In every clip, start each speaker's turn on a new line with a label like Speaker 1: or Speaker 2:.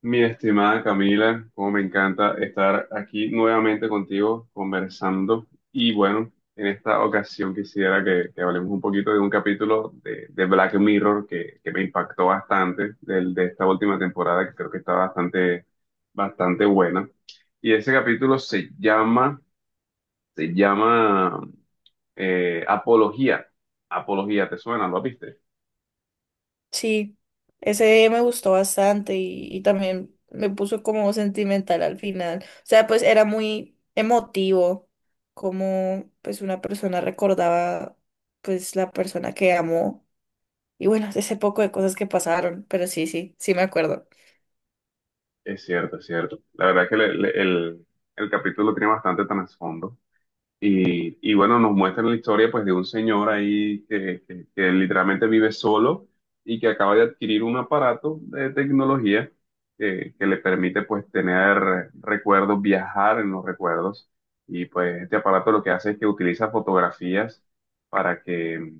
Speaker 1: Mi estimada Camila, como me encanta estar aquí nuevamente contigo conversando. Y bueno, en esta ocasión quisiera que hablemos un poquito de un capítulo de Black Mirror que me impactó bastante de esta última temporada, que creo que está bastante buena. Y ese capítulo se llama Apología. Apología, ¿te suena? ¿Lo viste?
Speaker 2: Sí, ese me gustó bastante y también me puso como sentimental al final. O sea, pues era muy emotivo como pues una persona recordaba pues la persona que amó y bueno, ese poco de cosas que pasaron, pero sí me acuerdo.
Speaker 1: Es cierto, es cierto. La verdad es que el capítulo tiene bastante trasfondo. Y bueno, nos muestran la historia pues de un señor ahí que literalmente vive solo y que acaba de adquirir un aparato de tecnología que le permite pues tener recuerdos, viajar en los recuerdos. Y pues este aparato lo que hace es que utiliza fotografías para que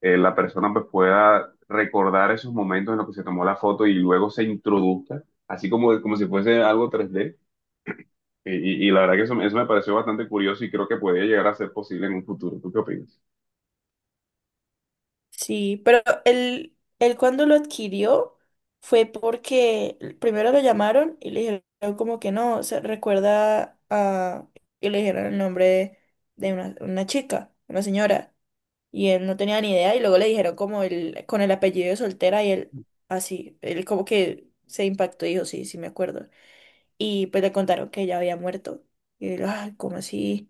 Speaker 1: la persona pues pueda recordar esos momentos en los que se tomó la foto y luego se introduzca, así como, como si fuese algo 3D y, y la verdad que eso me pareció bastante curioso y creo que podría llegar a ser posible en un futuro. ¿Tú qué opinas?
Speaker 2: Sí, pero él cuando lo adquirió fue porque primero lo llamaron y le dijeron como que no, se recuerda a... y le dijeron el nombre de una chica, una señora, y él no tenía ni idea y luego le dijeron como el, con el apellido de soltera y él así, él como que se impactó y dijo, sí me acuerdo y pues le contaron que ella había muerto. Y él, ay, ¿cómo así?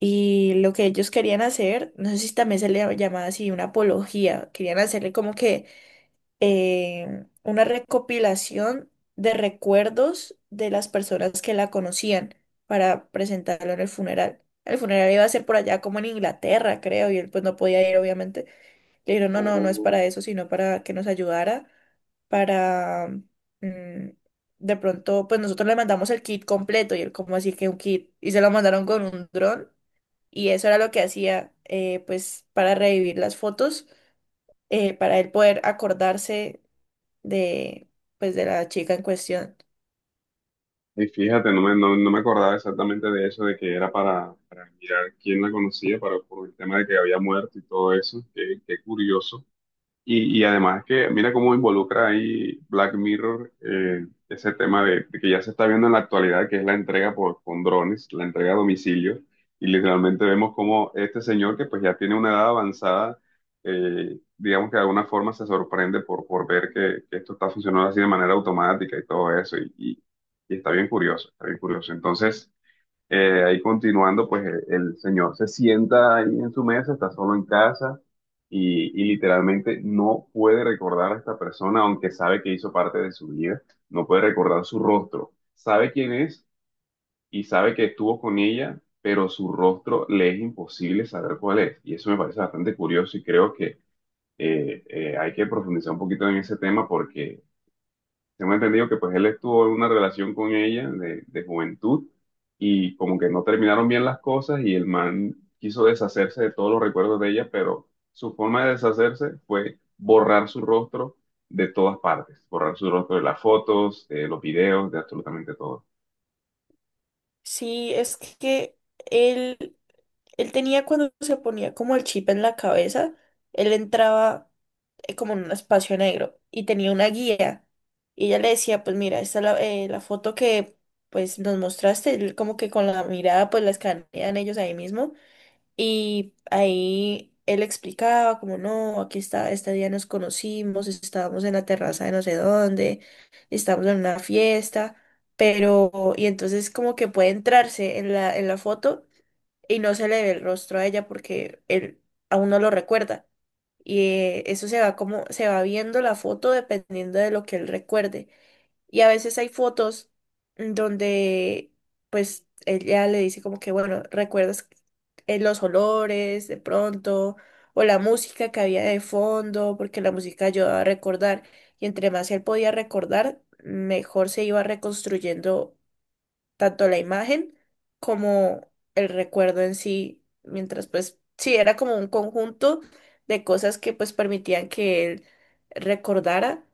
Speaker 2: Y lo que ellos querían hacer, no sé si también se le llamaba así una apología, querían hacerle como que una recopilación de recuerdos de las personas que la conocían para presentarlo en el funeral. El funeral iba a ser por allá como en Inglaterra, creo, y él pues no podía ir, obviamente. Le dijeron, no, no, no es
Speaker 1: Oh.
Speaker 2: para eso, sino para que nos ayudara, para, mm, de pronto, pues nosotros le mandamos el kit completo y él como así que un kit, y se lo mandaron con un dron y eso era lo que hacía, pues para revivir las fotos, para él poder acordarse de, pues de la chica en cuestión.
Speaker 1: Y fíjate, no me acordaba exactamente de eso, de que era para mirar quién la conocía, para, por el tema de que había muerto y todo eso. Qué curioso. Y además que mira cómo involucra ahí Black Mirror, ese tema de que ya se está viendo en la actualidad, que es la entrega con drones, la entrega a domicilio, y literalmente vemos cómo este señor que pues ya tiene una edad avanzada, digamos que de alguna forma se sorprende por ver que esto está funcionando así de manera automática y todo eso, y está bien curioso, está bien curioso. Entonces... ahí continuando, pues el señor se sienta ahí en su mesa, está solo en casa y literalmente no puede recordar a esta persona, aunque sabe que hizo parte de su vida, no puede recordar su rostro. Sabe quién es y sabe que estuvo con ella, pero su rostro le es imposible saber cuál es. Y eso me parece bastante curioso y creo que hay que profundizar un poquito en ese tema porque tengo entendido que pues él estuvo en una relación con ella de juventud y como que no terminaron bien las cosas y el man quiso deshacerse de todos los recuerdos de ella, pero su forma de deshacerse fue borrar su rostro de todas partes, borrar su rostro de las fotos, de los videos, de absolutamente todo.
Speaker 2: Sí, es que él... Él tenía cuando se ponía como el chip en la cabeza, él entraba como en un espacio negro y tenía una guía. Y ella le decía, pues mira, esta es la, la foto que pues nos mostraste, él como que con la mirada pues la escanean ellos ahí mismo. Y ahí él explicaba como, no, aquí está, este día nos conocimos, estábamos en la terraza de no sé dónde, estábamos en una fiesta, pero, y entonces como que puede entrarse en la foto y no se le ve el rostro a ella porque él aún no lo recuerda. Y eso se va como, se va viendo la foto dependiendo de lo que él recuerde. Y a veces hay fotos donde pues ella le dice como que, bueno, ¿recuerdas los olores de pronto? O la música que había de fondo, porque la música ayudaba a recordar. Y entre más él podía recordar, mejor se iba reconstruyendo tanto la imagen como el recuerdo en sí, mientras pues sí, era como un conjunto de cosas que pues permitían que él recordara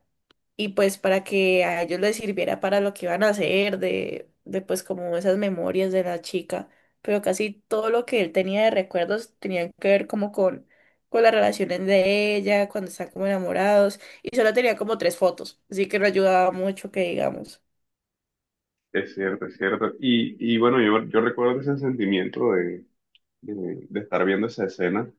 Speaker 2: y pues para que a ellos les sirviera para lo que iban a hacer, de pues como esas memorias de la chica, pero casi todo lo que él tenía de recuerdos tenían que ver como con las relaciones de ella, cuando están como enamorados, y solo tenía como tres fotos, así que no ayudaba mucho que digamos.
Speaker 1: Es cierto, es cierto. Y bueno, yo recuerdo ese sentimiento de estar viendo esa escena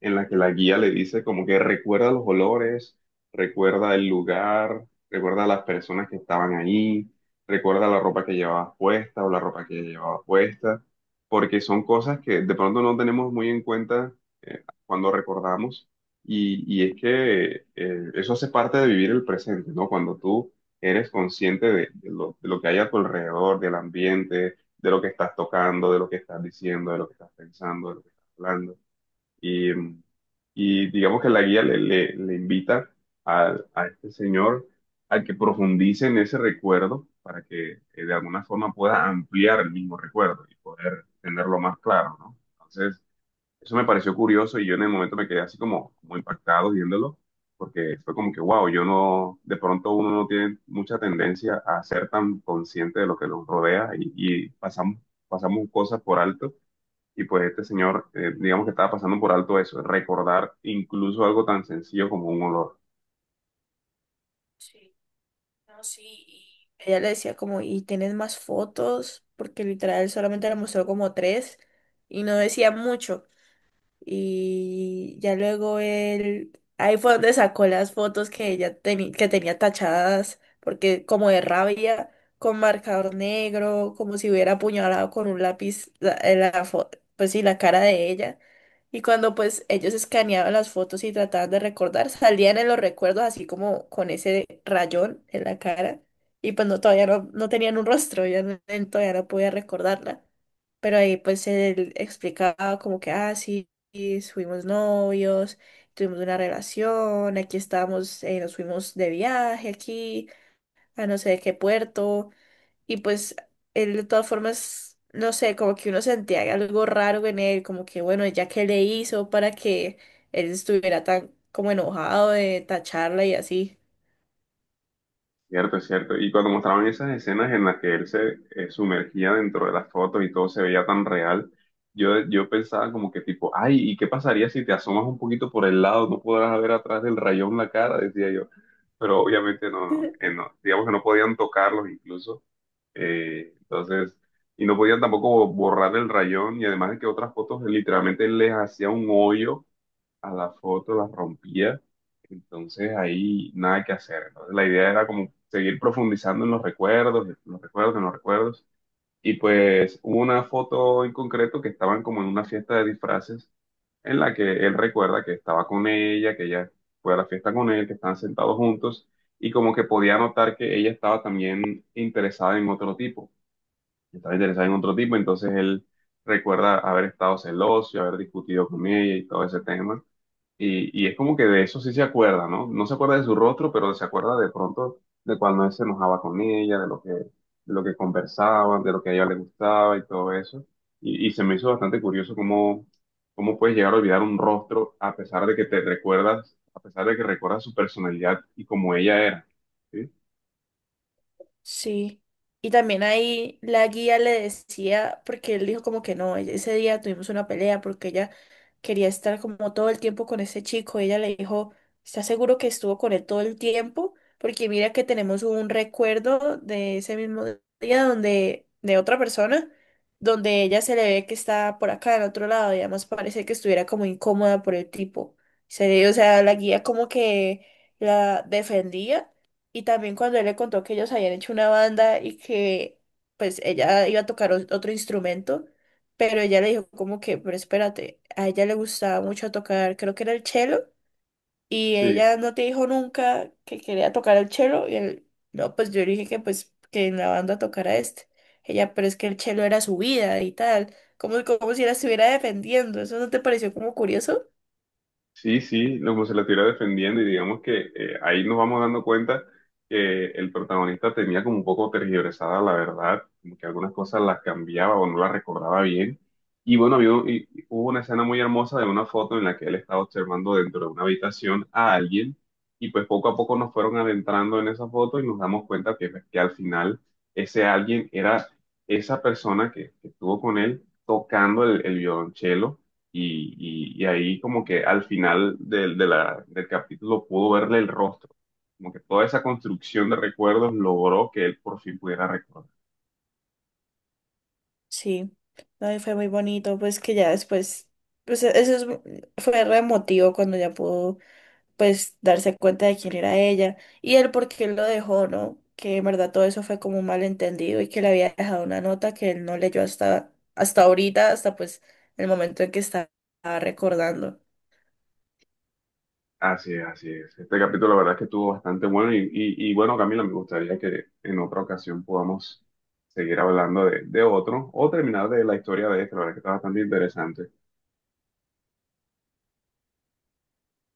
Speaker 1: en la que la guía le dice como que recuerda los olores, recuerda el lugar, recuerda a las personas que estaban ahí, recuerda la ropa que llevabas puesta o la ropa que llevabas puesta, porque son cosas que de pronto no tenemos muy en cuenta cuando recordamos. Y es que eso hace parte de vivir el presente, ¿no? Cuando tú eres consciente de lo que hay a tu alrededor, del ambiente, de lo que estás tocando, de lo que estás diciendo, de lo que estás pensando, de lo que estás hablando. Y, y digamos que la guía le invita a este señor a que profundice en ese recuerdo para que de alguna forma pueda ampliar el mismo recuerdo y poder tenerlo más claro, ¿no? Entonces, eso me pareció curioso y yo en el momento me quedé así como impactado viéndolo, porque fue como que, wow, yo no, de pronto uno no tiene mucha tendencia a ser tan consciente de lo que nos rodea y pasamos cosas por alto. Y pues este señor, digamos que estaba pasando por alto eso, recordar incluso algo tan sencillo como un olor.
Speaker 2: No, sí. y Ella le decía como, ¿y tienes más fotos? Porque literal solamente le mostró como tres y no decía mucho. Y ya luego él, ahí fue donde sacó las fotos que que tenía tachadas, porque como de rabia, con marcador negro, como si hubiera apuñalado con un lápiz la, pues sí, la cara de ella. Y cuando pues ellos escaneaban las fotos y trataban de recordar, salían en los recuerdos así como con ese rayón en la cara. Y pues no, todavía no, no tenían un rostro, ella no- él todavía no podía recordarla. Pero ahí pues él explicaba como que, ah, sí y fuimos novios, tuvimos una relación, aquí estábamos, nos fuimos de viaje aquí, a no sé de qué puerto, y pues él de todas formas, no sé, como que uno sentía algo raro en él, como que bueno, ya que le hizo para que él estuviera tan como enojado de tacharla y así.
Speaker 1: Cierto, es cierto. Y cuando mostraban esas escenas en las que él se sumergía dentro de las fotos y todo se veía tan real, yo pensaba como que tipo, ay, ¿y qué pasaría si te asomas un poquito por el lado? No podrás ver atrás del rayón la cara, decía yo. Pero obviamente no. Digamos que no podían tocarlos incluso. Entonces, y no podían tampoco borrar el rayón y además de que otras fotos literalmente les hacía un hoyo a la foto, la rompía. Entonces ahí nada que hacer. Entonces la idea era como seguir profundizando en los recuerdos, en los recuerdos, en los recuerdos. Y pues hubo una foto en concreto que estaban como en una fiesta de disfraces en la que él recuerda que estaba con ella, que ella fue a la fiesta con él, que estaban sentados juntos y como que podía notar que ella estaba también interesada en otro tipo. Estaba interesada en otro tipo, entonces él recuerda haber estado celoso y haber discutido con ella y todo ese tema. Y es como que de eso sí se acuerda, ¿no? No se acuerda de su rostro, pero se acuerda de pronto de cuando él se enojaba con ella, de lo que conversaban, de lo que a ella le gustaba y todo eso. Y se me hizo bastante curioso cómo puedes llegar a olvidar un rostro a pesar de que te recuerdas, a pesar de que recuerdas su personalidad y cómo ella era. ¿Sí?
Speaker 2: Sí. Y también ahí la guía le decía, porque él dijo como que no, e-, ese día tuvimos una pelea porque ella quería estar como todo el tiempo con ese chico. Ella le dijo, ¿estás seguro que estuvo con él todo el tiempo? Porque mira que tenemos un recuerdo de ese mismo día donde, de otra persona, donde ella se le ve que está por acá, en otro lado, y además parece que estuviera como incómoda por el tipo. Se, o sea, la guía como que la defendía y también cuando él le contó que ellos habían hecho una banda y que pues ella iba a tocar otro instrumento, pero ella le dijo como que, pero espérate, a ella le gustaba mucho tocar, creo que era el cello, y
Speaker 1: Sí.
Speaker 2: ella no te dijo nunca que quería tocar el cello, y él, no, pues yo le dije que pues que en la banda tocara este. Ella, pero es que el cello era su vida y tal, como, como si la estuviera defendiendo, ¿eso no te pareció como curioso?
Speaker 1: Sí, sí, como se la estuviera defendiendo y digamos que ahí nos vamos dando cuenta que el protagonista tenía como un poco tergiversada la verdad, como que algunas cosas las cambiaba o no las recordaba bien. Y bueno, había un- y hubo una escena muy hermosa de una foto en la que él estaba observando dentro de una habitación a alguien y pues poco a poco nos fueron adentrando en esa foto y nos damos cuenta que, pues, que al final ese alguien era esa persona que estuvo con él tocando el violonchelo y, y ahí como que al final del capítulo pudo verle el rostro, como que toda esa construcción de recuerdos logró que él por fin pudiera recordar.
Speaker 2: Sí, no, y fue muy bonito, pues que ya después, pues e- eso es mu- fue re emotivo cuando ya pudo, pues, darse cuenta de quién era ella y el por qué él lo dejó, ¿no? Que en verdad todo eso fue como un malentendido y que le había dejado una nota que él no leyó hasta, hasta ahorita, hasta pues el momento en que estaba recordando.
Speaker 1: Así es, así es. Este capítulo la verdad es que estuvo bastante bueno y, y bueno, Camila, me gustaría que en otra ocasión podamos seguir hablando de otro o terminar de la historia de este, la verdad que está bastante interesante.